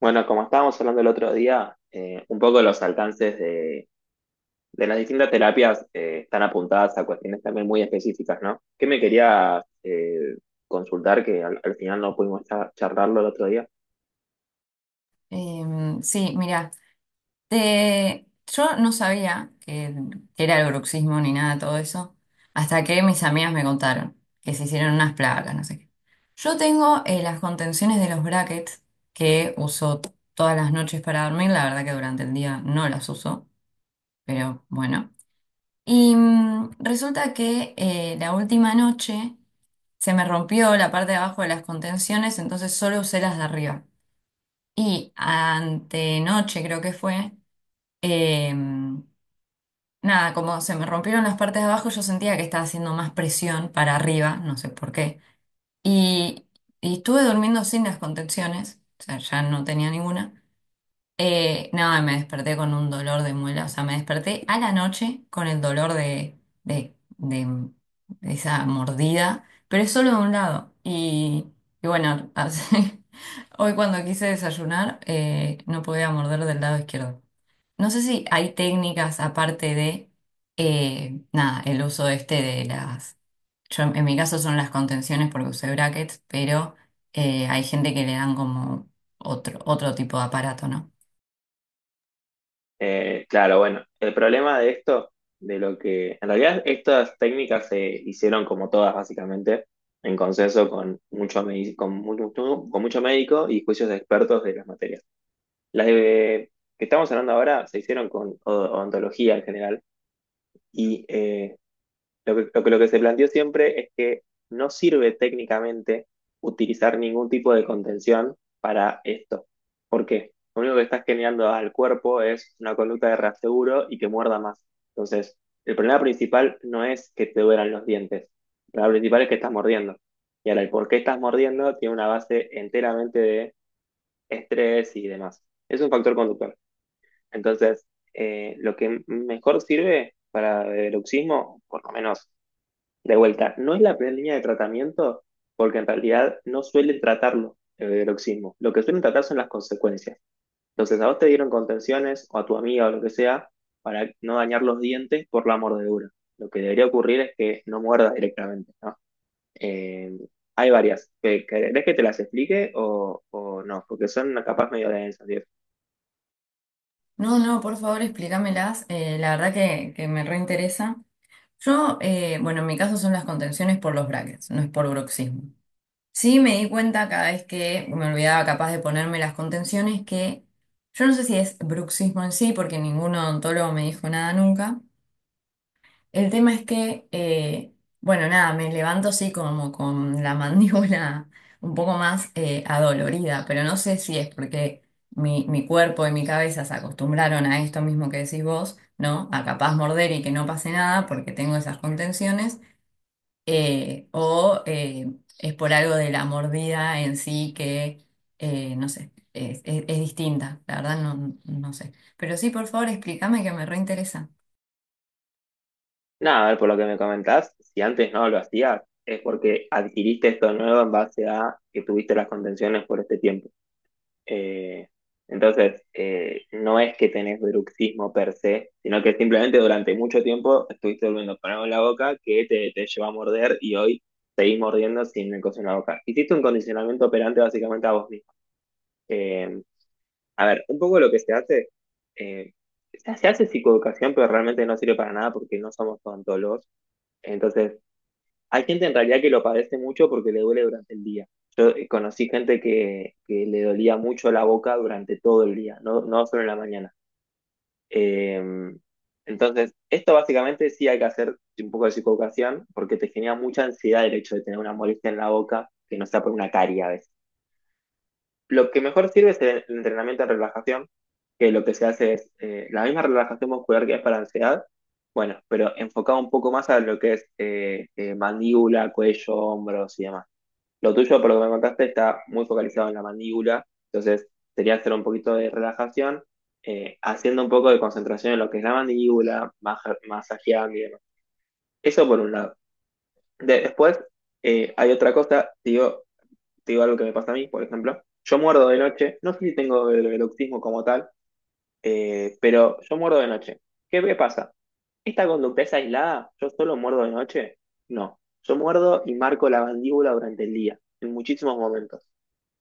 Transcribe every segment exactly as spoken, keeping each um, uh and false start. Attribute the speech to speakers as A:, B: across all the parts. A: Bueno, como estábamos hablando el otro día, eh, un poco los alcances de, de las distintas terapias eh, están apuntadas a cuestiones también muy específicas, ¿no? ¿Qué me quería eh, consultar que al, al final no pudimos cha- charlarlo el otro día?
B: Em, sí, mira, te... yo no sabía que, que era el bruxismo ni nada de todo eso, hasta que mis amigas me contaron que se hicieron unas placas, no sé qué. Yo tengo eh, las contenciones de los brackets que uso todas las noches para dormir, la verdad que durante el día no las uso, pero bueno. Y mm, resulta que eh, la última noche se me rompió la parte de abajo de las contenciones, entonces solo usé las de arriba. Y antenoche creo que fue. Eh, nada, como se me rompieron las partes de abajo, yo sentía que estaba haciendo más presión para arriba, no sé por qué. Y, y estuve durmiendo sin las contenciones, o sea, ya no tenía ninguna. Eh, nada, me desperté con un dolor de muela, o sea, me desperté a la noche con el dolor de, de, de- de esa mordida, pero es solo de un lado. Y, y bueno, así- hoy cuando quise desayunar, eh, no podía morder del lado izquierdo. No sé si hay técnicas aparte de, eh, nada, el uso este de las, yo en mi caso son las contenciones porque usé brackets, pero eh, hay gente que le dan como otro, otro tipo de aparato, ¿no?
A: Eh, claro, bueno, el problema de esto, de lo que en realidad estas técnicas se hicieron como todas básicamente en consenso con mucho, medi- con mucho, con mucho médico y juicios de expertos de las materias. Las de, que estamos hablando ahora se hicieron con o- odontología en general. Y eh, lo que, lo que, lo que se planteó siempre es que no sirve técnicamente utilizar ningún tipo de contención para esto. ¿Por qué? Lo único que estás generando al cuerpo es una conducta de reaseguro y que muerda más. Entonces, el problema principal no es que te duelan los dientes. El problema principal es que estás mordiendo. Y ahora, el por qué estás mordiendo tiene una base enteramente de estrés y demás. Es un factor conductual. Entonces, eh, lo que mejor sirve para bruxismo, por lo menos de vuelta, no es la primera línea de tratamiento, porque en realidad no suelen tratarlo eh, el bruxismo. Lo que suelen tratar son las consecuencias. Entonces, a vos te dieron contenciones o a tu amiga o lo que sea para no dañar los dientes por la mordedura. Lo que debería ocurrir es que no muerdas directamente, ¿no? Eh, hay varias. ¿Querés que te las explique o, o no? Porque son capaz medio densas, ¿sí?
B: No, no, por favor explícamelas, eh, la verdad que, que me reinteresa. Yo, eh, bueno, en mi caso son las contenciones por los brackets, no es por bruxismo. Sí, me di cuenta cada vez que me olvidaba capaz de ponerme las contenciones que yo no sé si es bruxismo en sí, porque ningún odontólogo me dijo nada nunca. El tema es que, eh, bueno, nada, me levanto así como con la mandíbula un poco más eh, adolorida, pero no sé si es porque mi, mi cuerpo y mi cabeza se acostumbraron a esto mismo que decís vos, ¿no? A capaz morder y que no pase nada porque tengo esas contenciones eh, o eh, es por algo de la mordida en sí que, eh, no sé, es, es- es distinta, la verdad no, no sé. Pero sí, por favor, explícame que me reinteresa.
A: Nada, a ver, por lo que me comentás, si antes no lo hacías, es porque adquiriste esto nuevo en base a que tuviste las contenciones por este tiempo. Eh, entonces, eh, no es que tenés bruxismo per se, sino que simplemente durante mucho tiempo estuviste volviendo para en la boca que te, te llevó a morder y hoy seguís mordiendo sin el coso en la boca. Hiciste un condicionamiento operante básicamente a vos mismo. Eh, a ver, un poco lo que se hace, eh, se se hace psicoeducación, pero realmente no sirve para nada porque no somos odontólogos. Entonces, hay gente en realidad que lo padece mucho porque le duele durante el día. Yo eh, conocí gente que, que le dolía mucho la boca durante todo el día, no, no solo en la mañana. Eh, entonces, esto básicamente sí hay que hacer un poco de psicoeducación porque te genera mucha ansiedad el hecho de tener una molestia en la boca que no sea por una carie a veces. Lo que mejor sirve es el el entrenamiento en relajación, que lo que se hace es eh, la misma relajación muscular que es para ansiedad, bueno, pero enfocado un poco más a lo que es eh, eh, mandíbula, cuello, hombros y demás. Lo tuyo, por lo que me contaste, está muy focalizado en la mandíbula, entonces sería hacer un poquito de relajación, eh, haciendo un poco de concentración en lo que es la mandíbula, maja- masajeando y demás. Eso por un lado. De- después, eh, hay otra cosa, te digo, te digo algo que me pasa a mí, por ejemplo. Yo muerdo de noche, no sé si tengo el bruxismo como tal, eh, pero yo muerdo de noche. ¿Qué me pasa? ¿Esta conducta es aislada? ¿Yo solo muerdo de noche? No, yo muerdo y marco la mandíbula durante el día, en muchísimos momentos.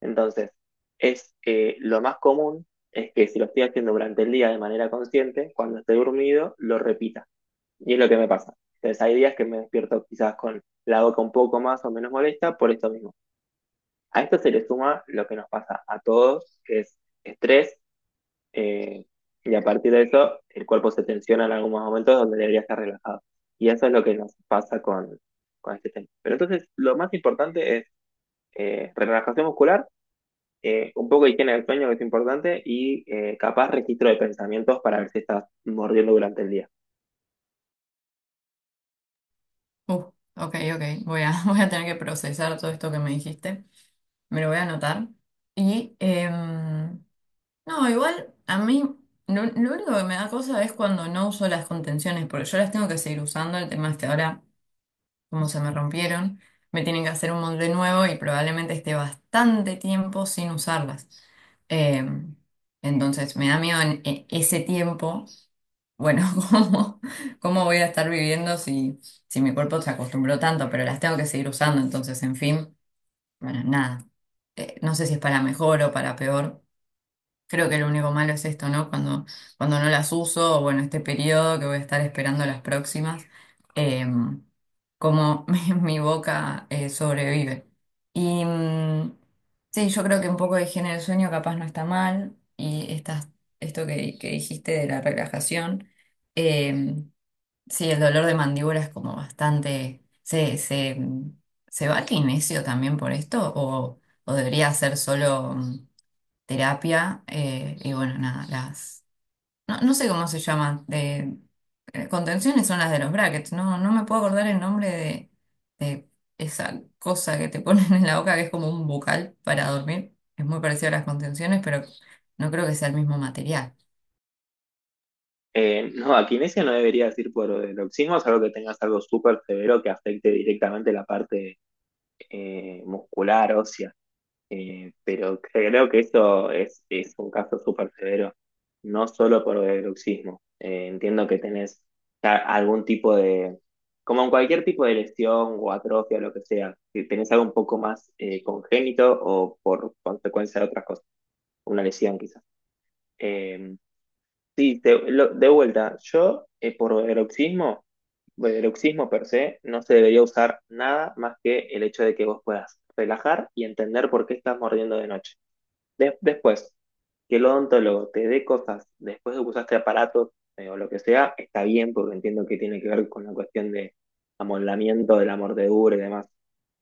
A: Entonces, es eh, lo más común es que si lo estoy haciendo durante el día de manera consciente, cuando esté dormido, lo repita. Y es lo que me pasa. Entonces, hay días que me despierto quizás con la boca un poco más o menos molesta por esto mismo. A esto se le suma lo que nos pasa a todos, que es estrés eh, y a partir de eso, el cuerpo se tensiona en algunos momentos donde debería estar relajado. Y eso es lo que nos pasa con, con este tema. Pero entonces, lo más importante es eh, relajación muscular, eh, un poco de higiene del sueño, que es importante, y eh, capaz registro de pensamientos para ver si estás mordiendo durante el día.
B: Uh, ok, ok, voy a, voy a tener que procesar todo esto que me dijiste, me lo voy a anotar. Y, em, no, igual a mí lo, lo único que me da cosa es cuando no uso las contenciones, porque yo las tengo que seguir usando, el tema es que ahora, como se me rompieron, me tienen que hacer un molde nuevo y probablemente esté bastante tiempo sin usarlas. Eh, entonces me da miedo en e- ese tiempo, bueno, ¿cómo, cómo voy a estar viviendo si, si mi cuerpo se acostumbró tanto, pero las tengo que seguir usando? Entonces, en fin, bueno, nada. Eh, no sé si es para mejor o para peor. Creo que lo único malo es esto, ¿no? Cuando, cuando no las uso, o bueno, este periodo que voy a estar esperando las próximas, em, como mi, mi boca eh, sobrevive. Y mm, sí, yo creo que un poco de higiene del sueño capaz no está mal, y estas, esto que, que dijiste de la relajación, em, sí, el dolor de mandíbula es como bastante. ¿Se, se, se va al kinesio también por esto? ¿O, o debería ser solo mm, terapia, eh, y bueno, nada, las? No, no sé cómo se llaman, de, eh, contenciones son las de los brackets, no, no me puedo acordar el nombre de, de esa cosa que te ponen en la boca que es como un bucal para dormir. Es muy parecido a las contenciones, pero no creo que sea el mismo material.
A: Eh, no, a kinesia no deberías ir por el oxismo, salvo que tengas algo súper severo que afecte directamente la parte eh, muscular, ósea. Eh, pero creo que eso es, es un caso súper severo, no solo por bruxismo. Eh, entiendo que tenés ya algún tipo de, como en cualquier tipo de lesión o atrofia, lo que sea, que tenés algo un poco más eh, congénito o por consecuencia de otras cosas, una lesión quizás. Eh, sí, de, lo- de vuelta, yo eh, por bruxismo, bruxismo per se, no se debería usar nada más que el hecho de que vos puedas relajar y entender por qué estás mordiendo de noche. De- después, que el odontólogo te dé cosas después de que usaste aparatos eh, o lo que sea, está bien porque entiendo que tiene que ver con la cuestión de amoldamiento de la mordedura y demás.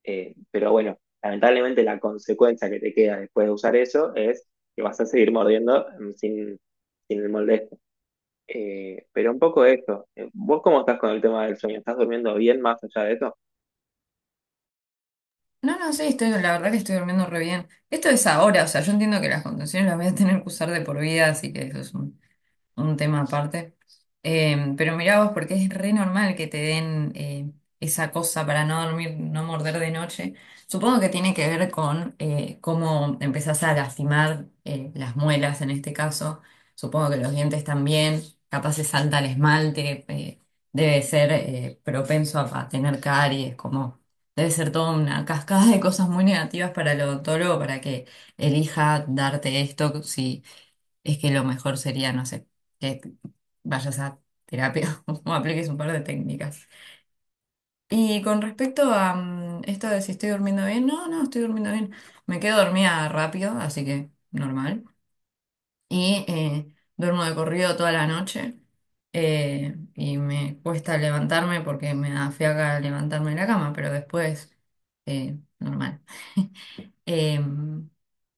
A: Eh, pero bueno, lamentablemente la consecuencia que te queda después de usar eso es que vas a seguir mordiendo mm, sin, sin el molde. Este. Eh, pero un poco de esto, eh, ¿vos cómo estás con el tema del sueño? ¿Estás durmiendo bien más allá de eso?
B: No, no, sí, estoy, la verdad que estoy durmiendo re bien. Esto es ahora, o sea, yo entiendo que las contenciones las voy a tener que usar de por vida, así que eso es un un tema aparte. Eh, pero mirá vos, porque es re normal que te den eh, esa cosa para no dormir, no morder de noche. Supongo que tiene que ver con eh, cómo empezás a lastimar eh, las muelas en este caso. Supongo que los dientes también. Capaz se salta el esmalte. eh, debe ser eh, propenso a, a tener caries. Como debe ser toda una cascada de cosas muy negativas para el odontólogo para que elija darte esto si es que lo mejor sería, no sé, que vayas a terapia o apliques un par de técnicas. Y con respecto a mm, esto de si estoy durmiendo bien, no, no, estoy durmiendo bien. Me quedo dormida rápido, así que normal. Y eh, duermo de corrido toda la noche. eh, y me cuesta levantarme porque me da fiaca levantarme de la cama, pero después, eh, normal. Em,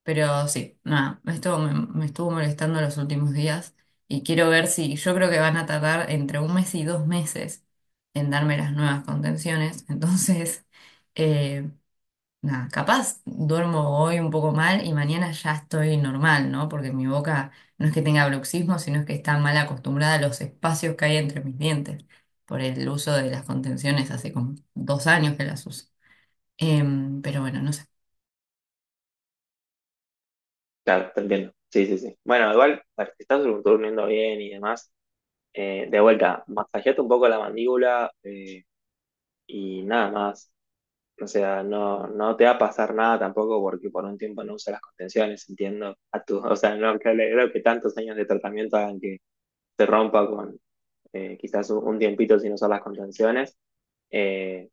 B: pero sí, nada, esto me, me estuvo molestando los últimos días y quiero ver si yo creo que van a tardar entre un mes y dos meses en darme las nuevas contenciones. Entonces, eh, nada, capaz duermo hoy un poco mal y mañana ya estoy normal, ¿no? Porque mi boca no es que tenga bruxismo, sino es que está mal acostumbrada a los espacios que hay entre mis dientes por el uso de las contenciones hace como dos años que las uso. Em, pero bueno, no sé.
A: Claro, te entiendo. Sí, sí, sí. Bueno, igual, a ver, si estás dur- durmiendo bien y demás, Eh, de vuelta, masajeate un poco la mandíbula eh, y nada más. O sea, no, no te va a pasar nada tampoco porque por un tiempo no usas las contenciones, entiendo. A tu, o sea, no creo, creo que tantos años de tratamiento hagan que te rompa con eh, quizás un, un tiempito sin usar las contenciones. Eh,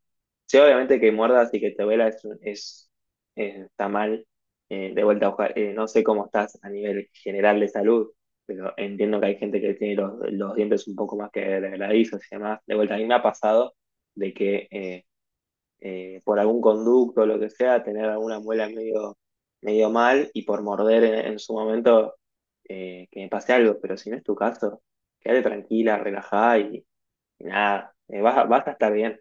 A: sí, obviamente que muerdas y que te duela es, es- eh, está mal. Eh, de vuelta, oja- eh, no sé cómo estás a nivel general de salud, pero entiendo que hay gente que tiene los, los dientes un poco más que degradizos y demás. De vuelta, a mí me ha pasado de que eh, eh, por algún conducto o lo que sea, tener alguna muela medio, medio mal y por morder en, en su momento eh, que me pase algo, pero si no es tu caso, quédate tranquila, relajada y, y nada, eh, vas, a- vas a estar bien.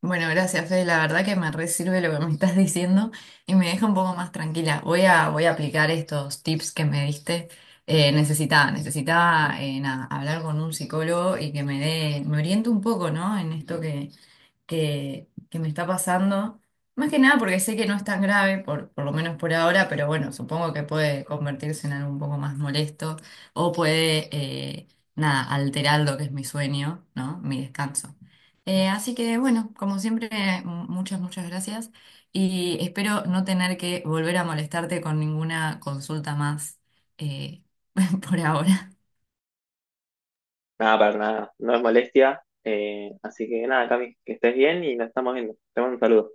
B: Bueno, gracias, Fede. La verdad que me re sirve lo que me estás diciendo y me deja un poco más tranquila. Voy a, voy a aplicar estos tips que me diste. Eh, necesitaba, necesitaba eh, nada, hablar con un psicólogo y que me dé, me oriente un poco, ¿no? En esto que, que, que me está pasando. Más que nada porque sé que no es tan grave, por, por lo menos por ahora, pero bueno, supongo que puede convertirse en algo un poco más molesto o puede, eh, nada, alterar lo que es mi sueño, ¿no? Mi descanso. Eh, así que bueno, como siempre, m- muchas, muchas gracias y espero no tener que volver a molestarte con ninguna consulta más eh, por ahora.
A: Nada, para nada, no es molestia. Eh, así que nada, Cami, que estés bien y nos estamos viendo. Te mando un saludo.